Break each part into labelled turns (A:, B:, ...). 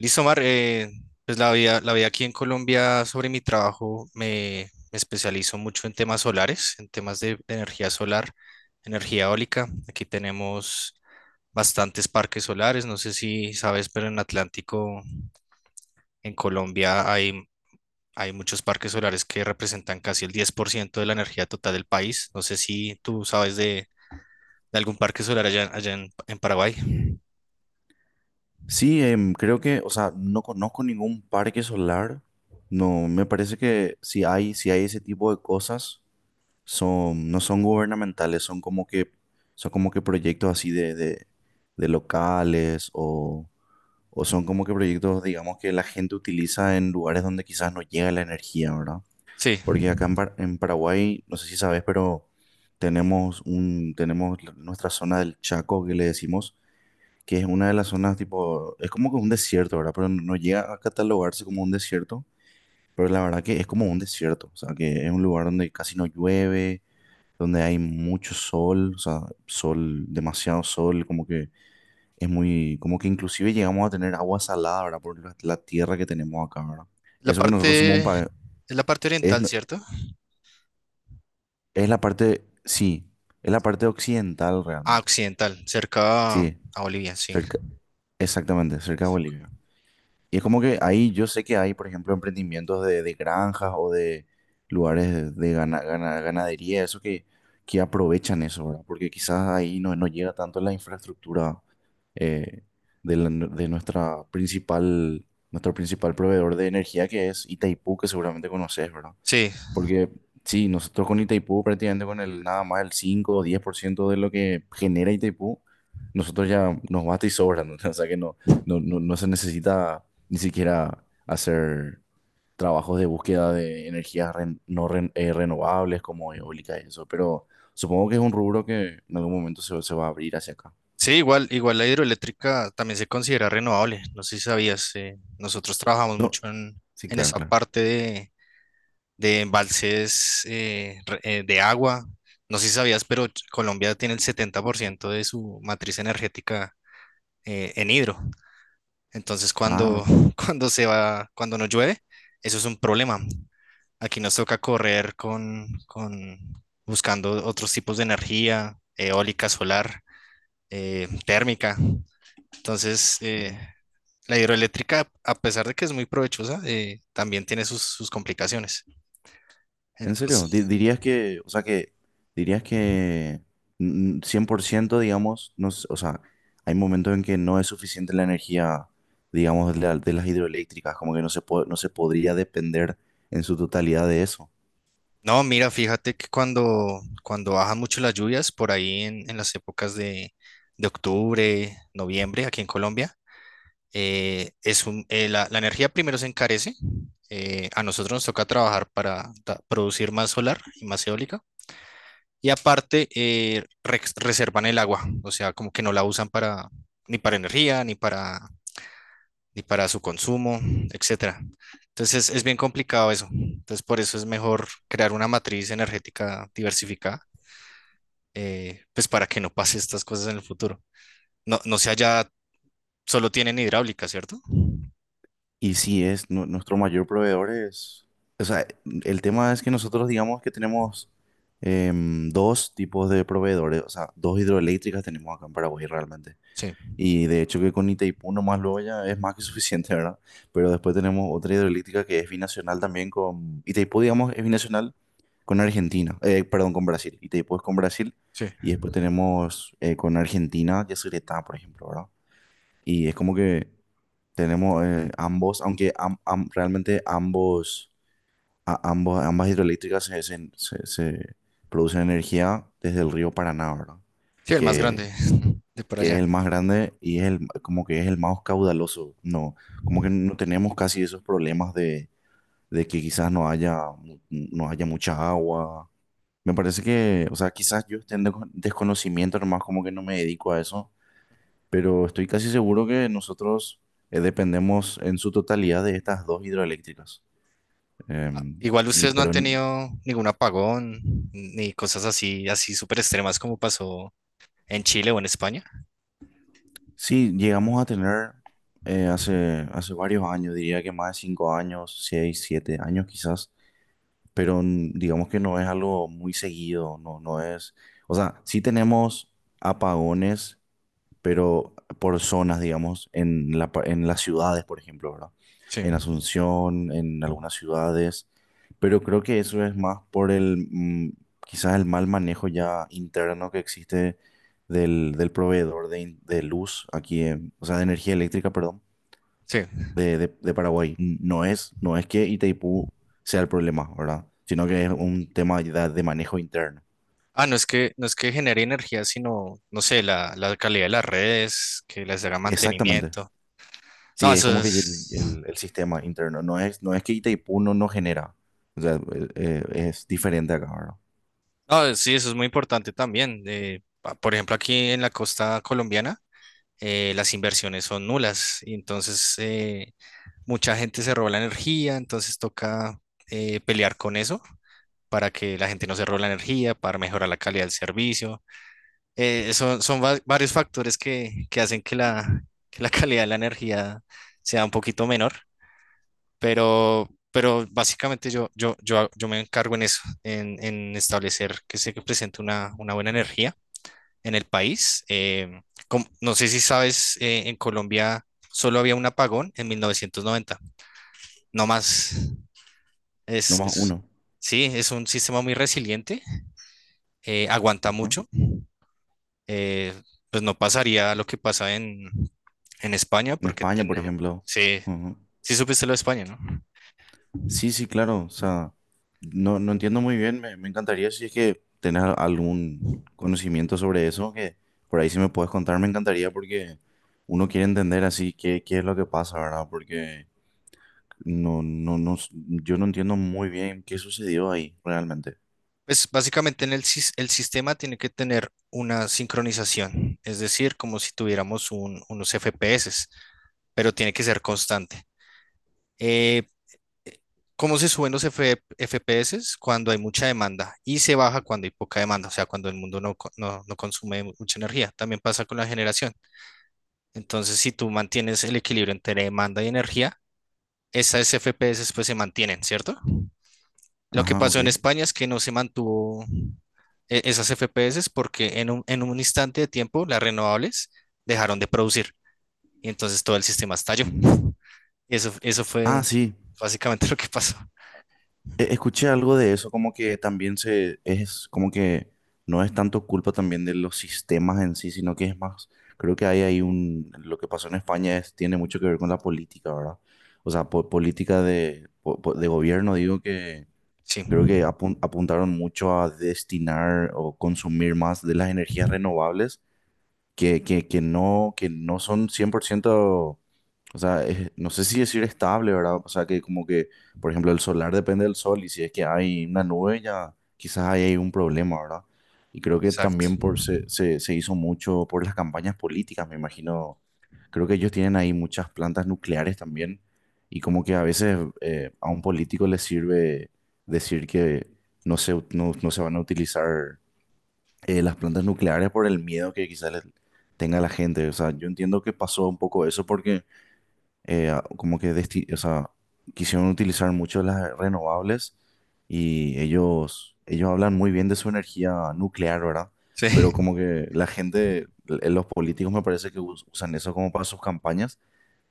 A: Listo, Mar, pues la vida aquí en Colombia sobre mi trabajo me especializo mucho en temas solares, en temas de energía solar, energía eólica. Aquí tenemos bastantes parques solares, no sé si sabes, pero en Atlántico, en Colombia, hay muchos parques solares que representan casi el 10% de la energía total del país. No sé si tú sabes de algún parque solar allá en Paraguay.
B: Sí, creo que, o sea, no conozco ningún parque solar. No, me parece que si hay ese tipo de cosas, son, no son gubernamentales, son como que proyectos así de locales o son como que proyectos, digamos, que la gente utiliza en lugares donde quizás no llega la energía, ¿verdad?
A: Sí,
B: Porque acá en, en Paraguay, no sé si sabes, pero tenemos un, tenemos nuestra zona del Chaco que le decimos que es una de las zonas tipo, es como que un desierto, ¿verdad? Pero no llega a catalogarse como un desierto, pero la verdad que es como un desierto, o sea, que es un lugar donde casi no llueve, donde hay mucho sol, o sea, sol, demasiado sol, como que es muy, como que inclusive llegamos a tener agua salada, ¿verdad? Por la tierra que tenemos acá, ¿verdad?
A: la
B: Eso que nosotros somos un
A: parte, es
B: país,
A: la parte
B: es,
A: oriental, ¿cierto?
B: es la parte, sí, es la parte occidental
A: Ah,
B: realmente,
A: occidental,
B: sí,
A: a Bolivia, sí.
B: cerca, exactamente, cerca de Bolivia. Y es como que ahí yo sé que hay, por ejemplo, emprendimientos de granjas o de lugares de ganadería, eso que aprovechan eso, ¿verdad? Porque quizás ahí no, no llega tanto la infraestructura eh, de, de nuestra principal, nuestro principal proveedor de energía que es Itaipú, que seguramente conoces, ¿verdad?
A: Sí,
B: Porque sí, nosotros con Itaipú prácticamente con el nada más el 5 o 10% de lo que genera Itaipú, nosotros ya nos basta y sobra, ¿no? O sea que no se necesita ni siquiera hacer trabajos de búsqueda de energías ren- no ren- renovables como eólica y eso, pero supongo que es un rubro que en algún momento se va a abrir hacia acá.
A: sí, igual la hidroeléctrica también se considera renovable. No sé si sabías, nosotros trabajamos
B: No,
A: mucho
B: sí,
A: en
B: claro,
A: esa
B: claro.
A: parte de embalses de agua. No sé si sabías, pero Colombia tiene el 70% de su matriz energética en hidro. Entonces,
B: Ah,
A: cuando se va, cuando no llueve, eso es un problema. Aquí nos toca correr con buscando otros tipos de energía, eólica, solar, térmica. Entonces,
B: no.
A: la hidroeléctrica, a pesar de que es muy provechosa, también tiene sus complicaciones.
B: ¿En serio?
A: Entonces,
B: Dirías que, o sea que, dirías que 100%, digamos, no, o sea, hay momentos en que no es suficiente la energía, digamos, de, de las hidroeléctricas, como que no se podría depender en su totalidad de eso.
A: no, mira, fíjate que cuando bajan mucho las lluvias, por ahí en las épocas de octubre, noviembre, aquí en Colombia, es un, la, la, energía primero se encarece. A nosotros nos toca trabajar para producir más solar y más eólica. Y aparte, reservan el agua, o sea, como que no la usan para, ni para energía, ni para su consumo, etcétera. Entonces es bien complicado eso. Entonces por eso es mejor crear una matriz energética diversificada, pues para que no pase estas cosas en el futuro. No, no sea ya, solo tienen hidráulica, ¿cierto?
B: Y si es nuestro mayor proveedor es, o sea, el tema es que nosotros digamos que tenemos dos tipos de proveedores, o sea, dos hidroeléctricas tenemos acá en Paraguay realmente.
A: Sí,
B: Y de hecho que con Itaipú nomás luego ya es más que suficiente, ¿verdad? Pero después tenemos otra hidroeléctrica que es binacional también con... Itaipú, digamos, es binacional con Argentina, perdón, con Brasil. Itaipú es con Brasil
A: sí.
B: y después tenemos con Argentina Yacyretá, por ejemplo, ¿verdad? Y es como que tenemos ambos, aunque realmente ambos, ambos, ambas hidroeléctricas se producen energía desde el río Paraná, ¿verdad?
A: Sí, el más
B: Que
A: grande de por
B: que es
A: allá.
B: el más grande y es el, como que es el más caudaloso. No, como que no tenemos casi esos problemas de que quizás no haya, no haya mucha agua. Me parece que, o sea, quizás yo esté en desconocimiento nomás, como que no me dedico a eso, pero estoy casi seguro que nosotros dependemos en su totalidad de estas dos hidroeléctricas.
A: Ah,
B: Em,
A: igual
B: y,
A: ustedes no han
B: pero en-
A: tenido ningún apagón ni cosas así, así súper extremas como pasó en Chile o en España.
B: sí, llegamos a tener hace varios años, diría que más de 5 años, 6, 7 años quizás pero digamos que no es algo muy seguido, no, no es, o sea, sí tenemos apagones, pero por zonas, digamos, en la, en las ciudades, por ejemplo, ¿verdad?
A: Sí,
B: En Asunción, en algunas ciudades, pero creo que eso es más por el, quizás el mal manejo ya interno que existe del, del proveedor de, de luz aquí, o sea, de energía eléctrica, perdón
A: sí.
B: de, de Paraguay. No es, no es que Itaipú sea el problema, ¿verdad? Sino que es un tema de manejo interno.
A: Ah, no es que, no es que genere energía, sino, no sé, la calidad de las redes, que les haga
B: Exactamente.
A: mantenimiento. No,
B: Sí, es
A: eso
B: como que el,
A: es,
B: el sistema interno. No es, no es que Itaipú no, no genera. O sea, es diferente acá, ¿verdad?
A: no, sí, eso es muy importante también. Por ejemplo, aquí en la costa colombiana, las inversiones son nulas. Y entonces, mucha gente se roba la energía, entonces toca pelear con eso para que la gente no se robe la energía, para mejorar la calidad del servicio. Varios factores que hacen que que la calidad de la energía sea un poquito menor, pero básicamente yo me encargo en eso, en establecer que se presente una buena energía en el país. No sé si sabes, en Colombia solo había un apagón en 1990, no más. Es,
B: Nomás
A: es-
B: uno.
A: sí, es un sistema muy resiliente, aguanta
B: Ajá.
A: mucho. eh, pues no pasaría lo que pasa en España,
B: En
A: porque
B: España, por
A: tenemos,
B: ejemplo.
A: sí,
B: Ujú.
A: sí supiste lo de España, ¿no?
B: Sí, sí, claro. O sea, no, entiendo muy bien. Me encantaría si es que tenés algún conocimiento sobre eso, que por ahí si me puedes contar, me encantaría porque uno quiere entender así qué, qué es lo que pasa, ¿verdad? Porque yo no entiendo muy bien qué sucedió ahí realmente.
A: Pues básicamente en el sistema tiene que tener una sincronización, es decir, como si tuviéramos unos FPS, pero tiene que ser constante. Eh, cómo se suben los FPS cuando hay mucha demanda y se baja cuando hay poca demanda, o sea, cuando el mundo no consume mucha energía. También pasa con la generación. Entonces, si tú mantienes el equilibrio entre demanda y energía, esas FPS pues se mantienen, ¿cierto? Lo que
B: Ajá, ok.
A: pasó en España es que no se mantuvo esas FPS porque en en un instante de tiempo las renovables dejaron de producir y entonces todo el sistema estalló.
B: Ujú.
A: Y eso
B: Ah,
A: fue
B: sí.
A: básicamente lo que pasó.
B: Escuché algo de eso, como que también se es como que no es tanto culpa también de los sistemas en sí, sino que es más, creo que hay ahí un, lo que pasó en España es, tiene mucho que ver con la política, ¿verdad? O sea, política de, de gobierno, digo que
A: Sí,
B: creo que apuntaron mucho a destinar o consumir más de las energías renovables que no son 100%, o sea, no sé si decir estable, ¿verdad? O sea, que como que, por ejemplo, el solar depende del sol y si es que hay una nube, ya quizás ahí hay un problema, ¿verdad? Y creo que
A: exacto.
B: también se hizo mucho por las campañas políticas, me imagino. Creo que ellos tienen ahí muchas plantas nucleares también y como que a veces a un político le sirve decir que no se van a utilizar las plantas nucleares por el miedo que quizás les tenga la gente. O sea, yo entiendo que pasó un poco eso porque como que o sea, quisieron utilizar mucho las renovables y ellos hablan muy bien de su energía nuclear, ¿verdad? Pero
A: Sí.
B: como que la gente, los políticos me parece que usan eso como para sus campañas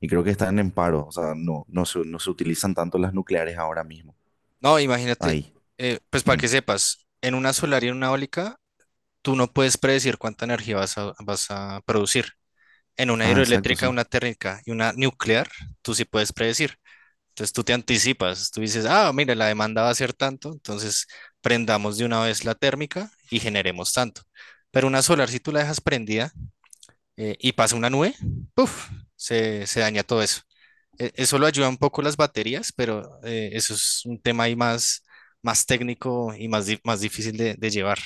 B: y creo que están en paro. O sea, no, no se utilizan tanto las nucleares ahora mismo.
A: No, imagínate,
B: Ahí.
A: pues para
B: Mm.
A: que sepas, en una solar y en una eólica, tú no puedes predecir cuánta energía vas a producir. En una
B: Ah, exacto,
A: hidroeléctrica,
B: sí.
A: una térmica y una nuclear, tú sí puedes predecir. Entonces tú te anticipas, tú dices, ah, mira, la demanda va a ser tanto, entonces prendamos de una vez la térmica y generemos tanto. Pero una solar, si tú la dejas prendida y pasa una nube, ¡puf! Se daña todo eso eso lo ayuda un poco las baterías, pero eso es un tema ahí más técnico y más difícil de llevar.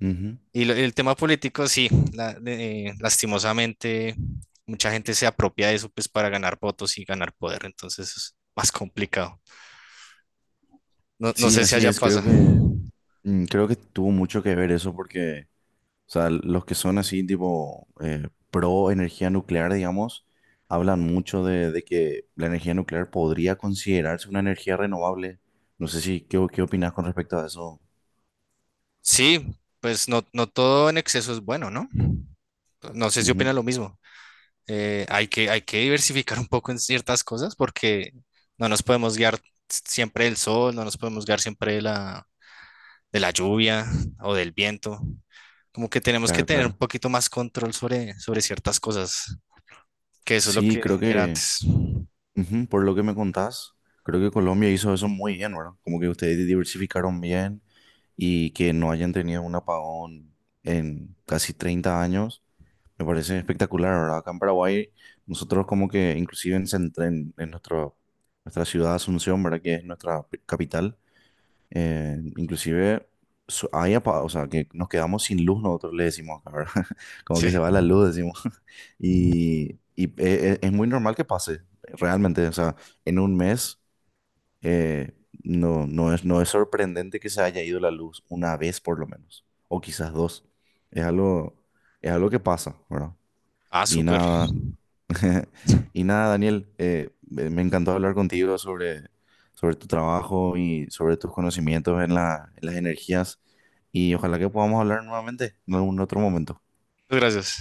B: Ujú.
A: Y el tema político, sí, lastimosamente mucha gente se apropia de eso pues para ganar votos y ganar poder, entonces es más complicado. No, no
B: Sí,
A: sé si
B: así
A: allá sí
B: es.
A: pasa.
B: Creo que tuvo mucho que ver eso porque, o sea, los que son así tipo pro energía nuclear, digamos, hablan mucho de que la energía nuclear podría considerarse una energía renovable. No sé si, ¿qué opinas con respecto a eso.
A: Sí, pues no, no todo en exceso es bueno, ¿no? No sé si
B: Ujú,
A: opina lo mismo. Hay que diversificar un poco en ciertas cosas porque no nos podemos guiar siempre del sol, no nos podemos guiar siempre de de la lluvia o del viento. Como que tenemos que
B: claro,
A: tener un
B: claro.
A: poquito más control sobre ciertas cosas, que eso es lo
B: Sí,
A: que
B: creo
A: era
B: que,
A: antes.
B: ujú, por lo que me contás, creo que Colombia hizo eso muy bien, ¿verdad? Como que ustedes diversificaron bien y que no hayan tenido un apagón en casi 30 años. Me parece espectacular, ¿verdad? Acá en Paraguay, nosotros como que inclusive en, en nuestro, nuestra ciudad Asunción, ¿verdad? Que es nuestra capital, inclusive hay o sea, que nos quedamos sin luz, nosotros le decimos acá, ¿verdad? Como que se
A: Sí.
B: va la luz, decimos. Y, es muy normal que pase, realmente, o sea, en un mes eh, no, no es, no es sorprendente que se haya ido la luz una vez por lo menos, o quizás dos. Es algo, es algo que pasa, ¿verdad?
A: Ah,
B: Y
A: súper.
B: nada, y nada, Daniel, me encantó hablar contigo sobre, sobre tu trabajo y sobre tus conocimientos en en las energías. Y ojalá que podamos hablar nuevamente en algún otro momento.
A: Muchas gracias.